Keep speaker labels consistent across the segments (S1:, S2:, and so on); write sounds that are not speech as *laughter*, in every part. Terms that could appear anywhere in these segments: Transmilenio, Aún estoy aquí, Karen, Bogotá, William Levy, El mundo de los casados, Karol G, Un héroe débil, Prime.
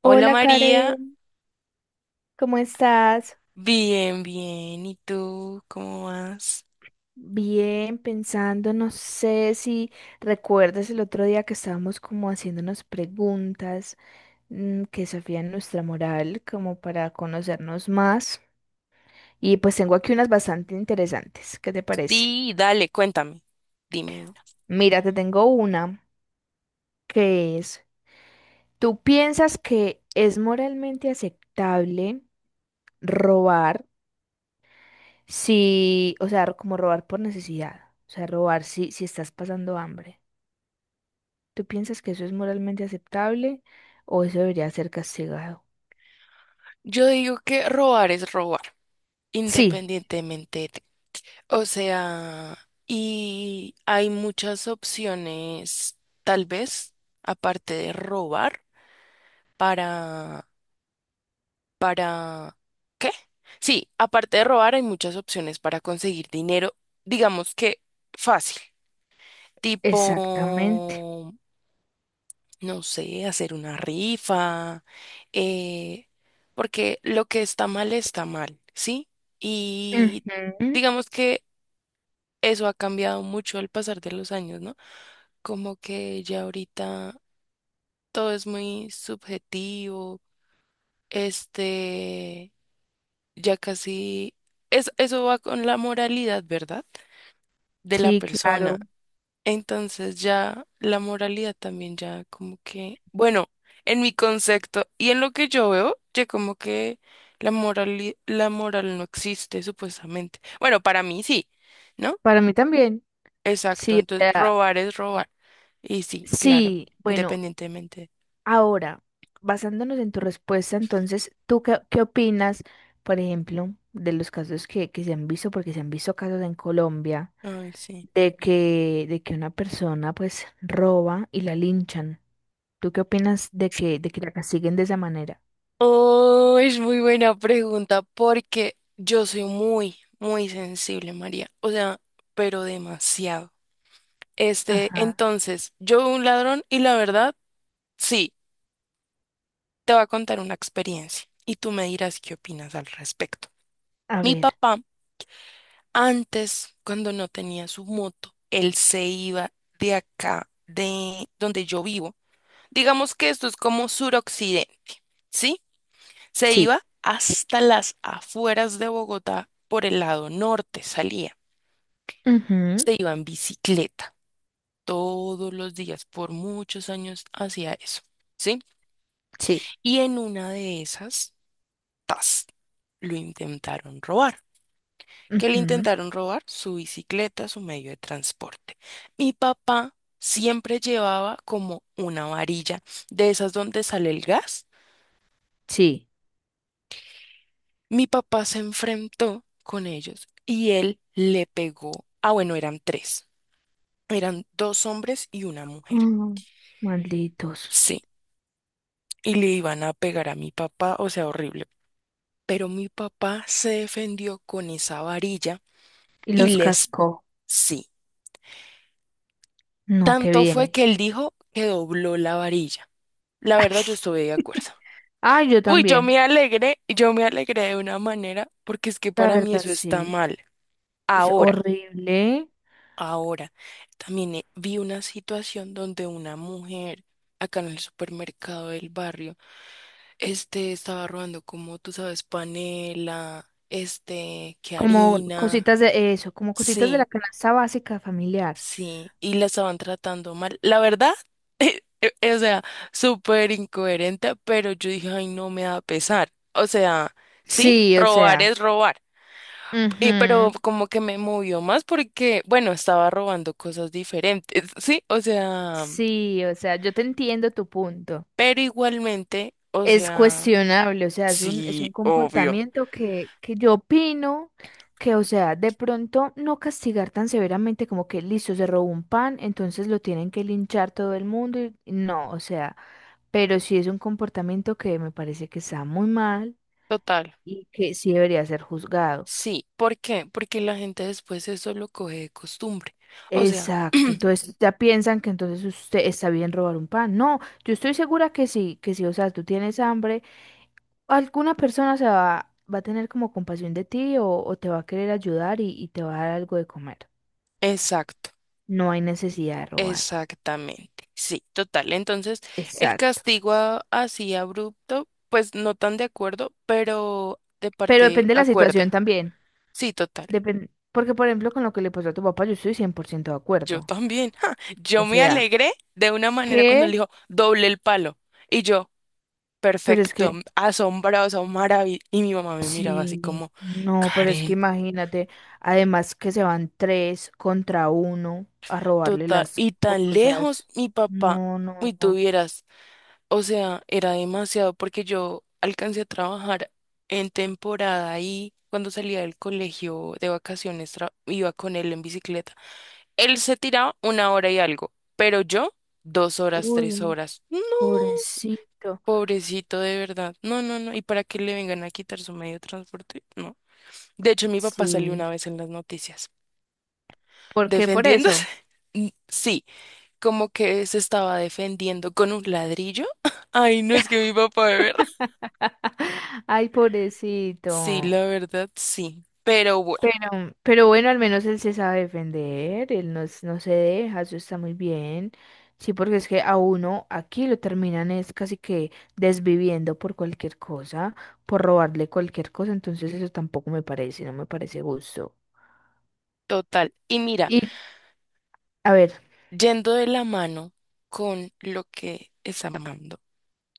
S1: Hola
S2: Hola
S1: María,
S2: Karen, ¿cómo estás?
S1: bien, bien. ¿Y tú cómo vas?
S2: Bien, pensando, no sé si recuerdas el otro día que estábamos como haciéndonos preguntas que desafían nuestra moral como para conocernos más. Y pues tengo aquí unas bastante interesantes, ¿qué te parece?
S1: Sí, dale, cuéntame. Dime, mira.
S2: Mira, te tengo una que es, ¿tú piensas que es moralmente aceptable robar si, o sea, como robar por necesidad? O sea, robar si estás pasando hambre. ¿Tú piensas que eso es moralmente aceptable o eso debería ser castigado?
S1: Yo digo que robar es robar,
S2: Sí,
S1: independientemente. O sea, y hay muchas opciones, tal vez, aparte de robar, para, para ¿qué? Sí, aparte de robar, hay muchas opciones para conseguir dinero, digamos que fácil, tipo,
S2: exactamente.
S1: no sé, hacer una rifa, eh, porque lo que está mal, ¿sí? Y
S2: Ujú.
S1: digamos que eso ha cambiado mucho al pasar de los años, ¿no? Como que ya ahorita todo es muy subjetivo, este, ya casi, es, eso va con la moralidad, ¿verdad? De la
S2: Sí,
S1: persona.
S2: claro.
S1: Entonces ya la moralidad también ya como que, bueno, en mi concepto y en lo que yo veo, ya como que la moral no existe supuestamente. Bueno, para mí sí, ¿no?
S2: Para mí también.
S1: Exacto,
S2: Sí, o
S1: entonces
S2: sea,
S1: robar es robar. Y sí, claro,
S2: sí. Bueno,
S1: independientemente.
S2: ahora, basándonos en tu respuesta, entonces, ¿tú qué opinas, por ejemplo, de los casos que se han visto, porque se han visto casos en Colombia,
S1: Ay, sí.
S2: de que una persona pues roba y la linchan? ¿Tú qué opinas de que la castiguen de esa manera?
S1: Oh, es muy buena pregunta porque yo soy muy, muy sensible, María. O sea, pero demasiado. Este,
S2: Ajá.
S1: entonces, yo un ladrón y la verdad, sí, te voy a contar una experiencia y tú me dirás qué opinas al respecto.
S2: A
S1: Mi
S2: ver.
S1: papá, antes, cuando no tenía su moto, él se iba de acá, de donde yo vivo. Digamos que esto es como suroccidente, ¿sí? Se
S2: Sí,
S1: iba hasta las afueras de Bogotá por el lado norte, salía.
S2: ujú,
S1: Se iba en bicicleta todos los días, por muchos años hacía eso, ¿sí?
S2: sí,
S1: Y en una de esas, tas, lo intentaron robar. ¿Qué le
S2: ujú,
S1: intentaron robar? Su bicicleta, su medio de transporte. Mi papá siempre llevaba como una varilla de esas donde sale el gas.
S2: sí.
S1: Mi papá se enfrentó con ellos y él le pegó. Ah, bueno, eran tres. Eran dos hombres y una mujer.
S2: Mm, malditos.
S1: Sí, y le iban a pegar a mi papá, o sea, horrible. Pero mi papá se defendió con esa varilla
S2: Y
S1: y
S2: los
S1: les...
S2: cascó.
S1: Sí,
S2: No, qué
S1: tanto fue
S2: bien.
S1: que él dijo que dobló la varilla. La verdad, yo estuve de
S2: *laughs*
S1: acuerdo.
S2: Ah, yo
S1: Uy,
S2: también.
S1: yo me alegré de una manera porque es que
S2: La
S1: para mí
S2: verdad,
S1: eso está
S2: sí.
S1: mal.
S2: Es
S1: Ahora.
S2: horrible.
S1: Ahora, también vi una situación donde una mujer acá en el supermercado del barrio, estaba robando como tú sabes, panela, que
S2: Como
S1: harina,
S2: cositas de eso, como cositas de la
S1: sí,
S2: canasta básica familiar.
S1: sí, y la estaban tratando mal. La verdad, o sea, súper incoherente, pero yo dije, ay, no me da pesar. O sea, sí,
S2: Sí, o
S1: robar
S2: sea.
S1: es robar. Y,
S2: Ujú.
S1: pero como que me movió más porque, bueno, estaba robando cosas diferentes, *laughs* ¿sí? O sea...
S2: Sí, o sea, yo te entiendo tu punto.
S1: Pero igualmente, o
S2: Es
S1: sea,
S2: cuestionable, o sea, es un
S1: sí, obvio.
S2: comportamiento que yo opino que, o sea, de pronto no castigar tan severamente como que listo, se robó un pan, entonces lo tienen que linchar todo el mundo. Y no, o sea, pero sí es un comportamiento que me parece que está muy mal
S1: Total,
S2: y que sí debería ser juzgado.
S1: sí. ¿Por qué? Porque la gente después eso lo coge de costumbre. O sea,
S2: Exacto,
S1: *clears throat*
S2: entonces ya piensan que entonces usted está bien robar un pan. No, yo estoy segura que sí, o sea, tú tienes hambre, alguna persona se va, va a tener como compasión de ti o te va a querer ayudar y te va a dar algo de comer.
S1: exacto,
S2: No hay necesidad de robar.
S1: exactamente. Sí, total. Entonces, el
S2: Exacto.
S1: castigo así abrupto, pues no tan de acuerdo, pero de
S2: Pero
S1: parte
S2: depende de la
S1: acuerdo.
S2: situación también.
S1: Sí, total.
S2: Depen, porque por ejemplo, con lo que le pasó a tu papá, yo estoy 100% de
S1: Yo
S2: acuerdo.
S1: también. *laughs* ja,
S2: O
S1: yo me
S2: sea,
S1: alegré de una manera cuando
S2: ¿qué?
S1: le dijo doble el palo. Y yo.
S2: Pero es
S1: Perfecto,
S2: que...
S1: asombroso, maravilloso. Y mi mamá me miraba así
S2: Sí,
S1: como,
S2: no, pero es que
S1: Karen,
S2: imagínate, además que se van tres contra uno a robarle
S1: total,
S2: las
S1: y tan lejos
S2: cosas.
S1: mi papá,
S2: No,
S1: y
S2: no, no.
S1: tuvieras, o sea, era demasiado porque yo alcancé a trabajar en temporada y cuando salía del colegio de vacaciones iba con él en bicicleta. Él se tiraba una hora y algo, pero yo dos horas, tres
S2: Uy,
S1: horas. No,
S2: pobrecito.
S1: pobrecito, de verdad. No, no, no. ¿Y para qué le vengan a quitar su medio de transporte? No. De hecho, mi papá salió una
S2: Sí.
S1: vez en las noticias
S2: ¿Por qué por eso?
S1: defendiéndose. *laughs* Mm, sí, como que se estaba defendiendo con un ladrillo. *laughs* Ay, no, es que mi papá, de verdad.
S2: *laughs* Ay,
S1: Sí,
S2: pobrecito.
S1: la verdad, sí. Pero bueno,
S2: Pero bueno, al menos él se sabe defender, él no, s- no se deja, eso está muy bien. Sí, porque es que a uno aquí lo terminan es casi que desviviendo por cualquier cosa, por robarle cualquier cosa, entonces eso tampoco me parece, no me parece gusto.
S1: total. Y mira,
S2: Y, a ver,
S1: yendo de la mano con lo que está hablando,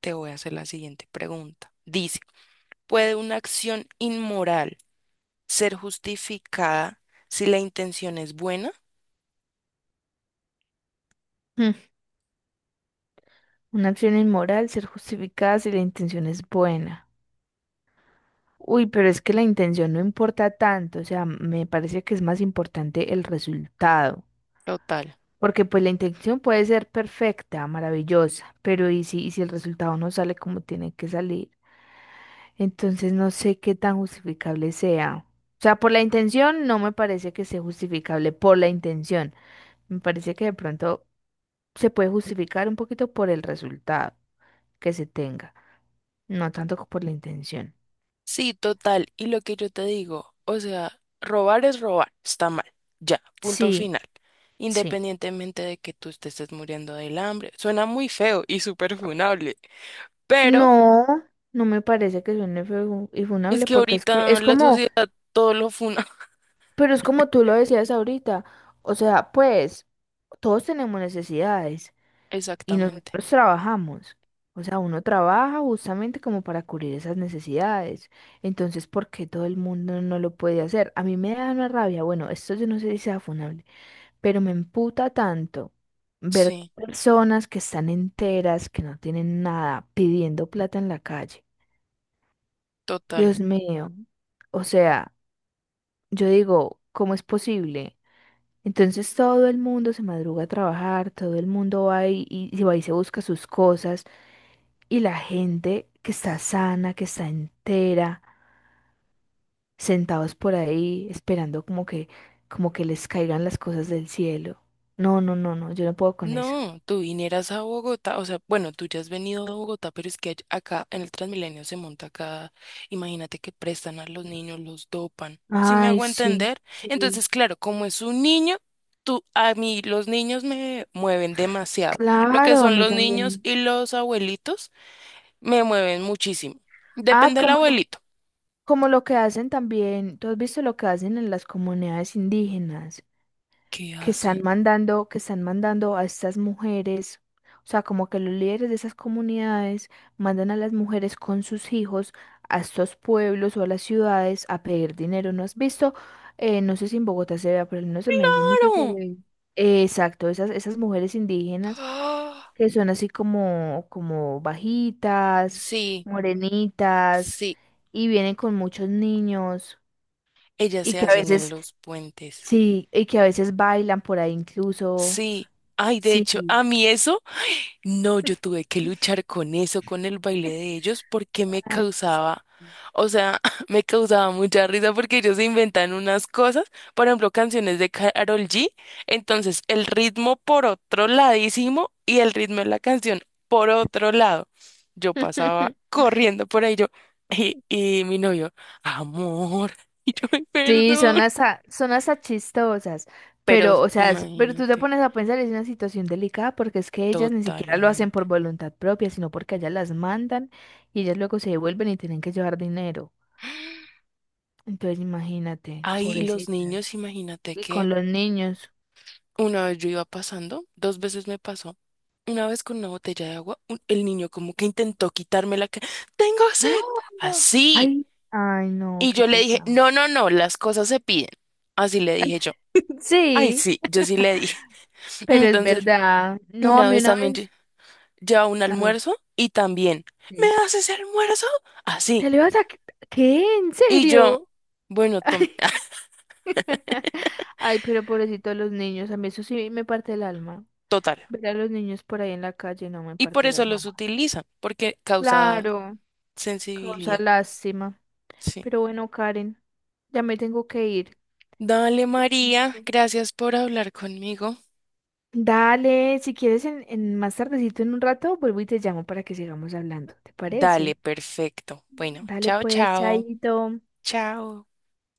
S1: te voy a hacer la siguiente pregunta. Dice, ¿puede una acción inmoral ser justificada si la intención es buena?
S2: mm, una acción inmoral, ser justificada si la intención es buena. Uy, pero es que la intención no importa tanto, o sea, me parece que es más importante el resultado,
S1: Total.
S2: porque pues la intención puede ser perfecta, maravillosa, pero y si el resultado no sale como tiene que salir? Entonces no sé qué tan justificable sea. O sea, por la intención no me parece que sea justificable, por la intención. Me parece que de pronto se puede justificar un poquito por el resultado que se tenga, no tanto por la intención.
S1: Sí, total. Y lo que yo te digo, o sea, robar es robar, está mal. Ya, punto
S2: Sí,
S1: final.
S2: sí.
S1: Independientemente de que tú te estés muriendo del hambre. Suena muy feo y súper funable, pero
S2: No, no me parece que suene feo y
S1: es
S2: funable
S1: que
S2: porque es que
S1: ahorita
S2: es
S1: la
S2: como,
S1: sociedad todo lo funa.
S2: pero es como tú lo decías ahorita, o sea, pues todos tenemos necesidades
S1: *laughs*
S2: y
S1: Exactamente.
S2: nosotros trabajamos, o sea, uno trabaja justamente como para cubrir esas necesidades, entonces, ¿por qué todo el mundo no lo puede hacer? A mí me da una rabia, bueno, esto yo no sé si sea funable, pero me emputa tanto ver
S1: Sí,
S2: personas que están enteras, que no tienen nada, pidiendo plata en la calle.
S1: total.
S2: Dios mío, o sea, yo digo, ¿cómo es posible? Entonces todo el mundo se madruga a trabajar, todo el mundo va y se va y se busca sus cosas, y la gente que está sana, que está entera, sentados por ahí, esperando como que les caigan las cosas del cielo. No, no, no, no, yo no puedo con eso.
S1: No, tú vinieras a Bogotá, o sea, bueno, tú ya has venido a Bogotá, pero es que acá en el Transmilenio se monta acá, imagínate que prestan a los niños, los dopan, ¿sí me
S2: Ay,
S1: hago
S2: sí,
S1: entender?
S2: sí.
S1: Entonces, claro, como es un niño, tú, a mí los niños me mueven demasiado, lo que
S2: Claro, a
S1: son
S2: mí
S1: los niños
S2: también.
S1: y los abuelitos me mueven muchísimo,
S2: Ah,
S1: depende del
S2: como lo,
S1: abuelito.
S2: como lo que hacen también, tú has visto lo que hacen en las comunidades indígenas,
S1: ¿Qué
S2: que están
S1: hacen?
S2: mandando, que están mandando a estas mujeres, o sea, como que los líderes de esas comunidades mandan a las mujeres con sus hijos a estos pueblos o a las ciudades a pedir dinero. ¿No has visto? No sé si en Bogotá se vea, pero no menos en Medellín mucho se
S1: ¡Claro!
S2: ve. Exacto, esas mujeres
S1: *gasps*
S2: indígenas
S1: ¡Ah!
S2: que son así como, como bajitas,
S1: Sí,
S2: morenitas,
S1: sí,
S2: y vienen con muchos niños,
S1: ellas
S2: y
S1: se
S2: que a
S1: hacen en
S2: veces,
S1: los puentes.
S2: sí, y que a veces bailan por ahí incluso.
S1: Sí, ay, de hecho, a
S2: Sí.
S1: mí eso, no, yo tuve que luchar con eso, con el baile de ellos, porque me
S2: Ay.
S1: causaba, o sea, *laughs* me causaba mucha risa porque ellos se inventan unas cosas, por ejemplo, canciones de Karol G, entonces el ritmo por otro ladísimo y el ritmo de la canción por otro lado. Yo pasaba
S2: *laughs*
S1: corriendo por ahí, yo, y mi novio, amor, *laughs* y yo, "Ay,
S2: Sí,
S1: perdón.
S2: son hasta chistosas,
S1: Pero
S2: pero, o sea, es- pero tú te
S1: imagínate,
S2: pones a pensar, es una situación delicada porque es que ellas ni siquiera lo hacen por
S1: totalmente.
S2: voluntad propia, sino porque ellas las mandan y ellas luego se devuelven y tienen que llevar dinero. Entonces, imagínate,
S1: Ay, y los
S2: pobrecitas.
S1: niños, imagínate
S2: Y
S1: que
S2: con los niños.
S1: una vez yo iba pasando, dos veces me pasó. Una vez con una botella de agua, el niño como que intentó quitarme la que tengo sed,
S2: ¡Ah!
S1: así.
S2: Ay, ay, no,
S1: Y
S2: qué
S1: yo le dije,
S2: pesado.
S1: no, no, no, las cosas se piden. Así le dije yo.
S2: *laughs*
S1: Ay,
S2: Sí,
S1: sí, yo sí le dije. *laughs*
S2: pero es
S1: Entonces,
S2: verdad. No, a
S1: una
S2: mí
S1: vez
S2: una
S1: también
S2: vez.
S1: llevaba un
S2: A ver,
S1: almuerzo y también, ¿me
S2: sí.
S1: das ese almuerzo? Así.
S2: ¿Te le vas a... qui- ¿Qué? ¿En
S1: Y yo,
S2: serio? *laughs*
S1: bueno, tome,
S2: Ay, ay, pero pobrecito los niños. A mí eso sí me parte el alma.
S1: *laughs* total.
S2: Ver a los niños por ahí en la calle no me
S1: Y por
S2: parte el
S1: eso
S2: alma.
S1: los
S2: Más.
S1: utilizan, porque causa
S2: Claro, causa
S1: sensibilidad,
S2: lástima.
S1: sí.
S2: Pero bueno, Karen, ya me tengo que ir.
S1: Dale, María, gracias por hablar conmigo.
S2: Dale, si quieres en más tardecito en un rato, vuelvo y te llamo para que sigamos hablando. ¿Te
S1: Dale,
S2: parece?
S1: perfecto. Bueno,
S2: Dale
S1: chao,
S2: pues,
S1: chao.
S2: chaito.
S1: Chao.